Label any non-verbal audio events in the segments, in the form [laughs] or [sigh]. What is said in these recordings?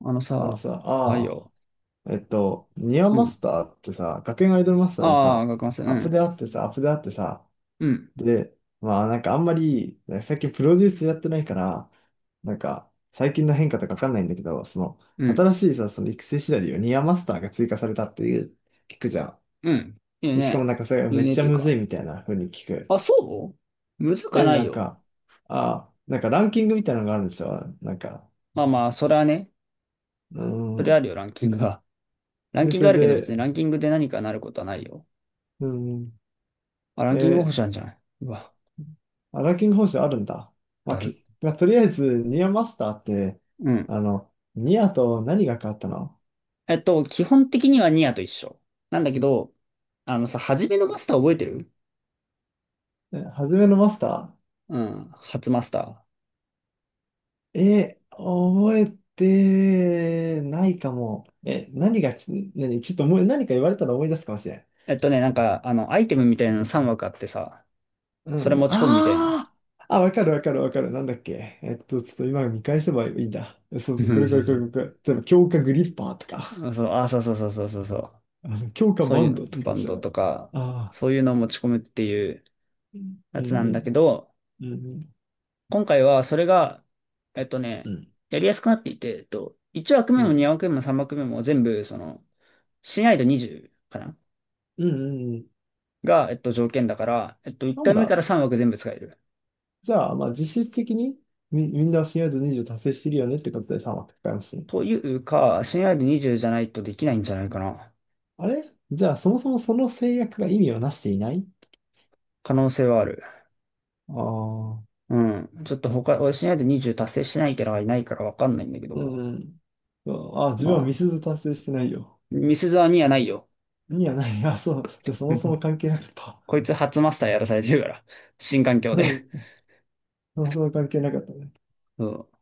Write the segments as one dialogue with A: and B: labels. A: あの
B: あの
A: さ、
B: さ、
A: あ、いいよ。
B: ああ、えっと、ニア
A: う
B: マ
A: ん。
B: スターってさ、学園アイドルマスターで
A: ああ、
B: さ、
A: 学ます。う
B: アップで
A: ん。
B: あってさ、アップであってさ、
A: うん。
B: で、まあなんかあんまり、ね最近プロデュースやってないから、なんか最近の変化とかわかんないんだけど、その、
A: うん。
B: 新しいさ、その育成シナリオ、ニアマスターが追加されたっていう、聞くじゃん。
A: うん。いい
B: で、しかも
A: ね。
B: なんかそれ
A: い
B: め
A: い
B: っ
A: ねっ
B: ちゃ
A: ていう
B: む
A: か。
B: ずいみたいな風に聞く。
A: あ、そうむずか
B: え、
A: な
B: な
A: い
B: ん
A: よ。
B: か、ああ、なんかランキングみたいなのがあるんですよ。
A: まあまあ、それはね。
B: うー
A: それあ
B: ん。
A: るよ、ランキングが。ラン
B: で、
A: キン
B: そ
A: グあ
B: れ
A: るけど別に
B: で、
A: ランキングで何かなることはないよ。
B: うーん。
A: あ、ランキング
B: え
A: 星なんじゃない？うわ、
B: あ、ランキング方式あるんだ。まあ、
A: だる。
B: まあ、とりあえず、ニアマスターって、
A: うん。
B: あの、ニアと何が変わったの？
A: 基本的にはニアと一緒。なんだけど、あのさ、初めのマスター覚えてる？
B: 初めのマスタ
A: うん。初マスター。
B: ー。えー、覚えてないかも。え、何がち、何、ちょっと思い、何か言われたら思い出すかもしれん。
A: なんか、あの、アイテムみたいなの3枠あってさ、
B: う
A: それ
B: ん。
A: 持ち込むみたいな。
B: あ、わかるわかるわかる。なんだっけ。えっと、ちょっと今見返せばいいんだ。
A: う
B: そう、こ
A: ん
B: れこ
A: そう
B: れ
A: そ
B: こ
A: う。
B: れこれ。例えば、強化グリッパーとか、
A: あ、そう、あ、そうそうそうそうそうそう。
B: あの強化
A: そう
B: バ
A: い
B: ン
A: う
B: ドと
A: の、
B: か
A: バ
B: で
A: ン
B: し
A: ド
B: ょ。
A: とか、
B: ああ、
A: そういうのを持ち込むっていうや
B: うん
A: つなん
B: う
A: だ
B: ん。
A: けど、
B: うんうん
A: 今回はそれが、えっと
B: う
A: ね、
B: ん、
A: やりやすくなっていて、1
B: う
A: 枠目も
B: ん、
A: 2枠目も3枠目も全部、その、親愛度20かな
B: うん、うんうん。
A: が、条件だから、1
B: なん
A: 回目か
B: だ。
A: ら3枠全部使える。
B: じゃあ、まあ、実質的にみんな親ず20達成してるよねってことで3はかいますね。
A: というか、親愛度20じゅうじゃないとできないんじゃないかな。
B: あれ、じゃあ、そもそもその制約が意味をなしていない？
A: 可能性はある。
B: ああー、
A: うん。ちょっと他、俺親愛度20達成してないキャラがいないからわかんないんだけ
B: う
A: ど、
B: ん、うん。あ、自分は
A: ま
B: ミス
A: あ、
B: ず達成してないよ。
A: ミスゾアにはないよ。
B: にはない。あ、そう。じゃあ、そもそも
A: [laughs]
B: 関係なかった。
A: こいつ初マスターやらされてるから。[laughs] 新環
B: [laughs]
A: 境
B: う
A: で。
B: ん。そもそも関係なかったね。
A: そ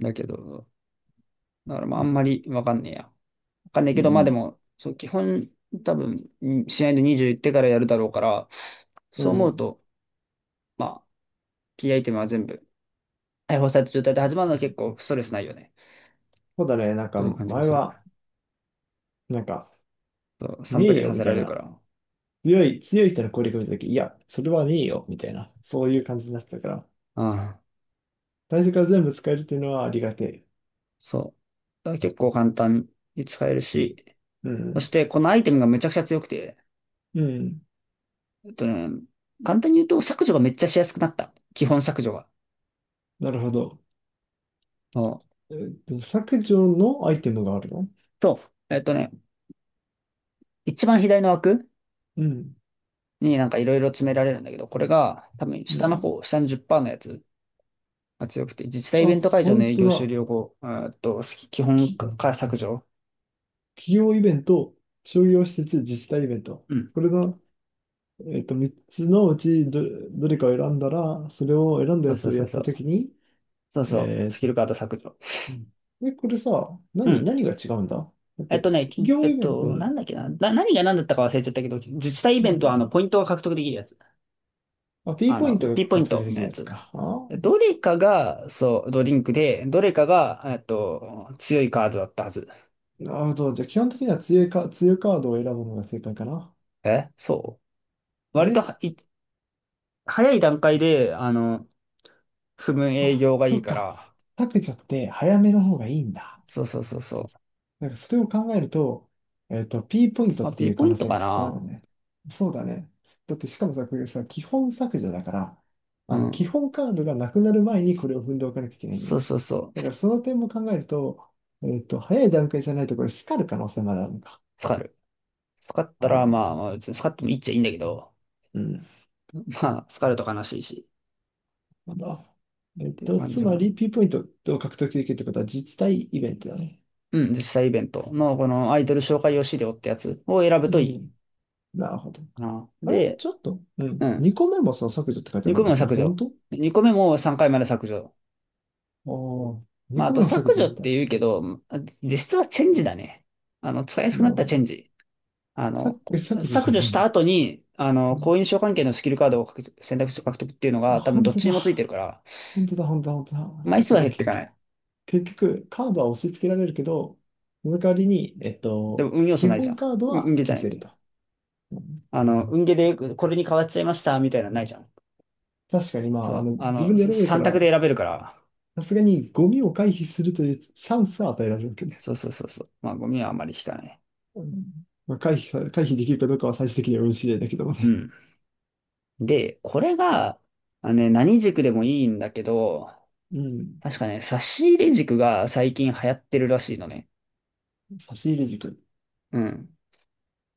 A: う。だけど、だからまあ
B: う
A: あん
B: ん、
A: まりわかんねえや。わかんねえ
B: う
A: けど、まあで
B: ん。
A: も、そう、基本、多分、ん試合で20いってからやるだろうから、
B: う
A: そう思う
B: ん、
A: と、まあ、キーアイテムは全部、解放された状態で始まるのは結構ストレスないよね。
B: そうだね。なんか、
A: という感じが
B: 前
A: する。
B: は、なんか、
A: そう、
B: ねえ
A: 3プレイ
B: よ
A: さ
B: み
A: せら
B: たい
A: れるか
B: な、
A: ら。
B: 強い人の攻略を見たとき、いや、それはねえよ、みたいな、そういう感じになってたから、
A: ああ、
B: 最初から全部使えるっていうのはありがて
A: そう。だから結構簡単に使える
B: え。うん。
A: し、
B: う
A: そし
B: ん。
A: てこのアイテムがめちゃくちゃ強くて、
B: うん、
A: えっとね、簡単に言うと削除がめっちゃしやすくなった。基本削除が。
B: なるほど。
A: うん
B: えっと、削除のアイテムがあるの？
A: と、えっとね、一番左の枠
B: うん。
A: になんかいろいろ詰められるんだけど、これが多分
B: う
A: 下の
B: ん。
A: 方、下の10%のやつが強くて、自治体イ
B: あ、
A: ベント会場の
B: 本
A: 営
B: 当
A: 業終
B: だ。
A: 了後、スキ基本
B: き、
A: から削除。
B: 企業イベント、商業施設、自治体イベント。
A: うん。
B: これが、えっと、3つのうちどれかを選んだら、それを選んだ
A: そう
B: や
A: そ
B: つ
A: う
B: を
A: そ
B: や
A: う
B: っ
A: そ
B: たと
A: う。
B: きに、
A: そうそう。
B: え
A: スキルカード削除。
B: うん、で、これさ、
A: うん。
B: 何が違うんだ？だっ
A: えっと
B: て、
A: ね、
B: 企
A: え
B: 業
A: っ
B: イベント、う
A: と、なん
B: ん、
A: だっけな。何が何だったか忘れちゃったけど、自治体イ
B: う
A: ベントは
B: ん、
A: あの、ポイントが獲得できるやつ。
B: あ、P
A: あ
B: ポイン
A: の、
B: トが
A: ピンポイン
B: 獲得
A: ト
B: でき
A: の
B: る
A: や
B: やつ
A: つ。
B: か。あ
A: どれかが、そう、ドリンクで、どれかが、強いカードだったはず。
B: ー、なるほど。じゃあ、基本的には強いカードを選ぶのが正解かな。
A: え、そう
B: あ
A: 割
B: れ、
A: とはい早い段階で、あの、不分営
B: あ、
A: 業が
B: そ
A: いい
B: う
A: か
B: か。
A: ら、
B: 削除って早めの方がいいんだ。
A: そうそうそうそう。
B: なんかそれを考えると、えっと、P ポイント
A: ま
B: っ
A: あ、
B: て
A: B
B: いう
A: ポ
B: 可
A: イン
B: 能
A: ト
B: 性が
A: か
B: 結構ある
A: な。
B: ね。そうだね。だってしかもさ、これさ、基本削除だから、
A: う
B: あの、基
A: ん。
B: 本カードがなくなる前にこれを踏んでおかなきゃいけないの
A: そう
B: ね。
A: そうそ
B: だか
A: う。
B: らその点も考えると、えっと、早い段階じゃないとこれ、スカる可能性まであるのか。
A: 使る。使ったら、
B: ああ、
A: まあ、まあ、別に使ってもいいっちゃいいんだけど、
B: うん。
A: まあ、使ると悲しいし、
B: まだ。
A: っ
B: えっ
A: ていう
B: と、
A: 感
B: つ
A: じか
B: ま
A: な。
B: り P ポイントを獲得できるってことは実体イベントだね。
A: うん、実際イベントの、このアイドル紹介用資料ってやつを選ぶ
B: う
A: といい
B: ん。なるほど。
A: かな。
B: あれ
A: で、
B: ちょっと、う
A: う
B: ん。
A: ん。
B: 2個目もさ、削除って書いてあるん
A: 2
B: だ
A: 個
B: け
A: 目
B: ど、
A: も
B: これ
A: 削
B: 本
A: 除。
B: 当？
A: 2個目も3回まで削除。
B: ああ、2
A: まあ、あ
B: 個
A: と
B: 目も削
A: 削
B: 除
A: 除
B: さ
A: っ
B: れた。
A: て
B: な
A: 言うけど、実質はチェンジだね。あの、使いやすく
B: る
A: なった
B: ほ
A: チェ
B: ど。
A: ンジ。あの、
B: 削除じ
A: 削
B: ゃな
A: 除
B: い
A: し
B: ん
A: た
B: だ。
A: 後に、あ
B: う
A: の、
B: ん、
A: 好印象関係のスキルカードを獲得選択肢を獲得っていうの
B: あ、
A: が多分
B: 本
A: どっ
B: 当
A: ちにもついてる
B: だ。
A: から、
B: 本当だ、本当だ、本当だ。
A: 枚
B: じゃあ
A: 数
B: こ
A: は
B: れ
A: 減ってかない。
B: 結局、結局カードは押し付けられるけど、その代わりに、えっ
A: でも
B: と、
A: 運要素
B: 基
A: ないじゃ
B: 本
A: ん。
B: カードは
A: 運ゲーじゃ
B: 消
A: ないっ
B: せる
A: て。
B: と。うん、
A: あの、運ゲーでこれに変わっちゃいましたみたいなのないじゃん。
B: 確かに、ま
A: そ
B: あ、あ
A: う。
B: の、
A: あ
B: 自
A: の、
B: 分で選べるか
A: 3択
B: ら、
A: で選べるから。
B: さすがにゴミを回避するというチャンスは与えられるわけね。
A: そうそうそうそう。まあ、ゴミはあんまり引かない。
B: うん、まあ、回避できるかどうかは最終的には運次第だけども
A: う
B: ね。
A: ん。で、これが、あのね、何軸でもいいんだけど、
B: うん。
A: 確かね、差し入れ軸が最近流行ってるらしいのね。
B: 差し入れ軸。
A: うん。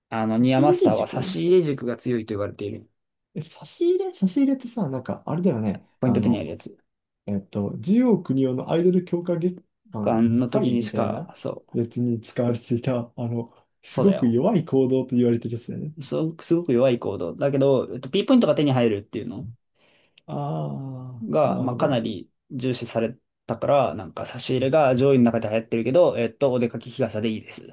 A: あの、
B: 差
A: ニ
B: し
A: アマ
B: 入
A: ス
B: れ
A: ターは差し
B: 軸、
A: 入れ軸が強いと言われている。
B: え、差し入れ差し入れってさ、なんか、あれだよね。
A: ポイン
B: あ
A: ト手にあ
B: の、
A: るやつ。
B: えっと、ジオ国のアイドル強化月間
A: あの時
B: 会
A: に
B: み
A: し
B: たい
A: か、
B: な
A: そ
B: やつに使われていた、あの、
A: う、
B: す
A: そうだ
B: ごく
A: よ。
B: 弱い行動と言われてるやつだよね。
A: そう、すごく弱い行動。だけど、P ポイントが手に入るっていうの
B: ああ、な
A: が、
B: る
A: まあ、
B: ほ
A: かな
B: ど。
A: り重視されたから、なんか差し入れが上位の中で流行ってるけど、お出かけ日傘でいいです。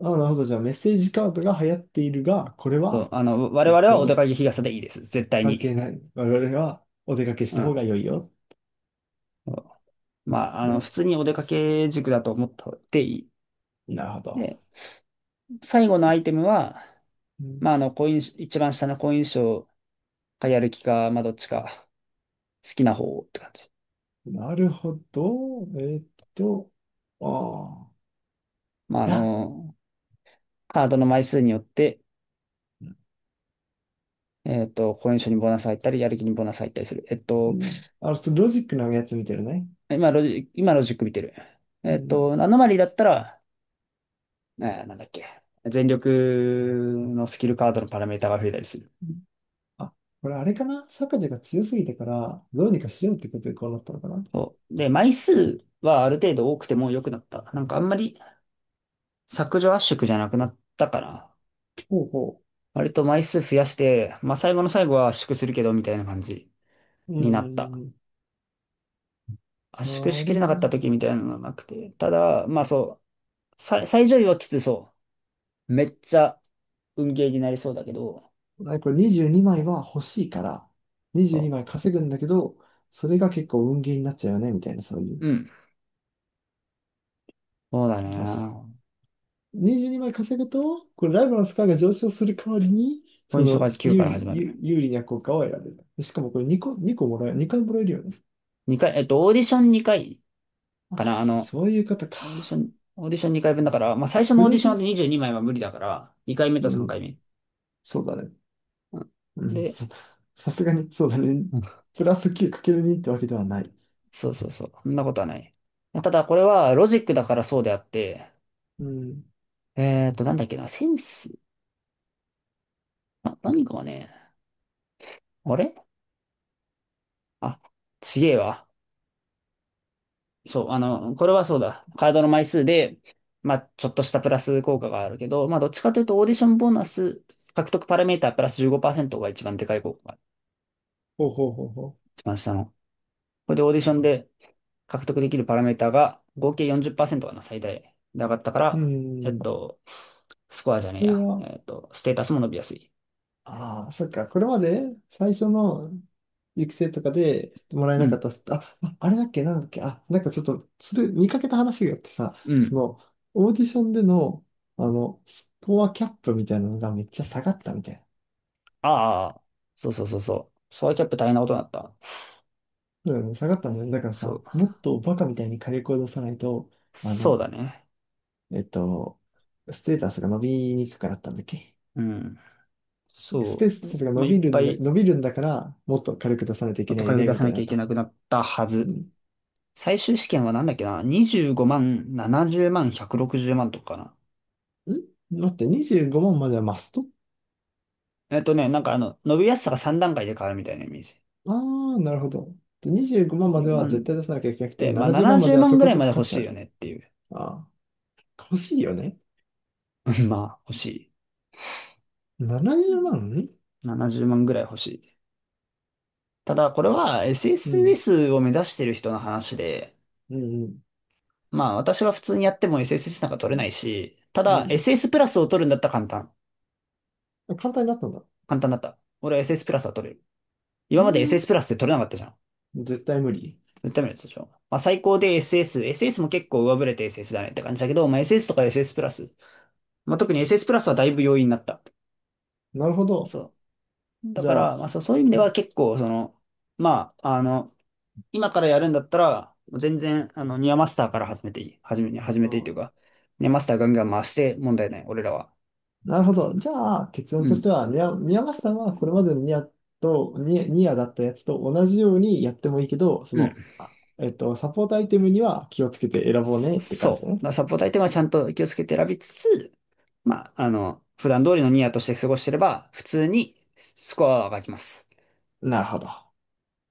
B: ああ、なるほど。じゃあ、メッセージカードが流行っているが、これ
A: そう、
B: は、
A: あの、我
B: えっ
A: 々はお出か
B: と、
A: け日傘でいいです。絶対
B: 関係
A: に。
B: ない。我々はお出かけし
A: う
B: た方が
A: ん。
B: 良いよ。
A: まあ、あの、
B: で、
A: 普通にお出かけ塾だと思っていい。
B: なるほど。
A: で、最後のアイテムは、
B: う
A: まあ、
B: ん、
A: あの、好印象、一番下の好印象かやる気か、まあ、どっちか好きな方をって感じ。
B: なるほど。えっと、ああ。
A: まあ、あ
B: いや、
A: の、カードの枚数によって、好印象にボーナス入ったり、やる気にボーナス入ったりする。えっ
B: う
A: と、
B: ん。あの、ちょっとロジックのやつ見てるね。
A: 今ロジ、今の塾見てる。
B: うん。
A: アノマリーだったら、なんだっけ。全力のスキルカードのパラメータが増えたりする。
B: あ、これあれかな、坂地が強すぎたから、どうにかしようってことでこうなったのかな？
A: そう。で、枚数はある程度多くても良くなった。なんかあんまり、削除圧縮じゃなくなったかな。
B: ほうほ
A: 割と枚数増やして、まあ最後の最後は圧縮するけどみたいな感じ
B: う。う
A: になった。
B: ん。
A: 圧縮し
B: な
A: き
B: る
A: れなかっ
B: ほ
A: た時みたいなのがなくて。ただ、まあそう、最上位はきつそう。めっちゃ運ゲーになりそうだけど、
B: ど。あ、これ22枚は欲しいから、22
A: そ
B: 枚稼ぐんだけど、それが結構運ゲーになっちゃうよね、みたいな、そういう。
A: う。うん。そうだ
B: ます。
A: ね。
B: 22枚稼ぐと、これライバルのスコアが上昇する代わりに、
A: ポ
B: そ
A: イントが
B: の
A: 9から始まる。
B: 有利な効果を得られる。でしかもこれ2回もらえるよね。
A: 2回、オーディション2回かな。あ
B: あ、
A: の、
B: そういうこと
A: オーディショ
B: か。
A: ン、オーディション2回分だから、まあ最初
B: プ
A: のオー
B: ラ
A: ディシ
B: で
A: ョンで22枚は無理だから、2回目
B: う
A: と3
B: ん、
A: 回目。
B: そうだね。
A: う
B: う
A: ん
B: ん、[laughs]
A: で、
B: さ、さすがに、そうだね。プラス9る2ってわけではない。
A: そうそうそう。そんなことはない。ただ、これはロジックだからそうであって、
B: うん。
A: なんだっけな、センス、あ何かはね、あれあ、ちげえわ。そう、あの、これはそうだ。カードの枚数で、まあ、ちょっとしたプラス効果があるけど、まあ、どっちかというと、オーディションボーナス獲得パラメータープラス15%が一番でかい効果が
B: ほうほうほうほ
A: 一番下の。これでオーディションで獲得できるパラメーターが合計40%かな、最大で上がったか
B: う。う
A: ら、えっ
B: ん。
A: と、スコアじゃねえ
B: それ
A: や。
B: は、
A: ステータスも伸びやすい。
B: ああ、そっか。これまで最初の育成とかでもらえ
A: う
B: なかっ
A: ん。
B: たスタ、あ、ああれだっけ、なんだっけ、あ、なんかちょっと、それ見かけた話があってさ、
A: う
B: そ
A: ん。
B: の、オーディションでの、あの、スコアキャップみたいなのがめっちゃ下がったみたいな。
A: ああ、そうそうそうそう。ソワキャップ大変なことになった。
B: そうだよね、下がったんだね。だから
A: そ
B: さ、
A: う。
B: もっとバカみたいに火力を出さないと、あ
A: そう
B: の、
A: だね。
B: えっと、ステータスが伸びにくくなったんだっけ？
A: うん。
B: スペ
A: そ
B: ース
A: う。
B: タスが
A: まあ、いっぱい、
B: 伸びるんだから、もっと火力出さないとい
A: も
B: け
A: っと
B: ないよ
A: 金
B: ね、
A: 出
B: み
A: さ
B: たい
A: な
B: に
A: き
B: な
A: ゃ
B: っ
A: いけ
B: た。
A: なくなったは
B: う
A: ず。
B: ん。
A: 最終試験はなんだっけな？ 25 万、70万、160万とかかな。
B: ん、待って、25万まんまではマスト？
A: なんかあの、伸びやすさが3段階で変わるみたいなイメージ。
B: ああー、なるほど。で25万まんま
A: 2
B: では絶対出さなきゃいけなくて、
A: で、まあ、
B: 70万まんま
A: 70
B: では
A: 万
B: そ
A: ぐ
B: こ
A: らい
B: そ
A: ま
B: こ
A: で
B: 価
A: 欲
B: 値あ
A: しいよ
B: る。
A: ねっていう。
B: ああ、欲しいよね。
A: [laughs] まあ、欲し
B: 70万うまん。
A: い。70万ぐらい欲しい。ただ、これは
B: うん
A: SSS を目指してる人の話で、
B: うんうん。
A: まあ私は普通にやっても SSS なんか取れないし、た
B: う
A: だ
B: ん。
A: SS プラスを取るんだったら簡単。
B: 簡単になったんだ。
A: 簡単だった。俺は SS プラスは取れる。今
B: うー
A: まで
B: ん。
A: SS プラスって取れなかったじゃん。
B: 絶対無理。
A: 絶対無理だったでしょ。まあ最高で SS。SS も結構上振れて SS だねって感じだけど、まあ SS とか SS プラス。まあ特に SS プラスはだいぶ容易になった。
B: なるほど。
A: そう。だ
B: じ
A: か
B: ゃあ、
A: ら、まあそう、そういう意味では結構、その、まあ、あの、今からやるんだったら、全然、あの、ニアマスターから始めていい。始め
B: う
A: ていいと
B: ん、
A: いうか、ニアマスターガンガン回して問題ない。俺らは。
B: なるほど。じゃあ、結論
A: う
B: と
A: ん。
B: しては、ニアマスさんはこれまでのニアと、ニアだったやつと同じようにやってもいいけど、そ
A: うん。
B: の、えっと、サポートアイテムには気をつけて選ぼうねって感じ
A: そ
B: だ
A: う。
B: ね。
A: サポートアイテムはちゃんと気をつけて選びつつ、まあ、あの、普段通りのニアとして過ごしてれば、普通にスコアは上がります。
B: なるほど。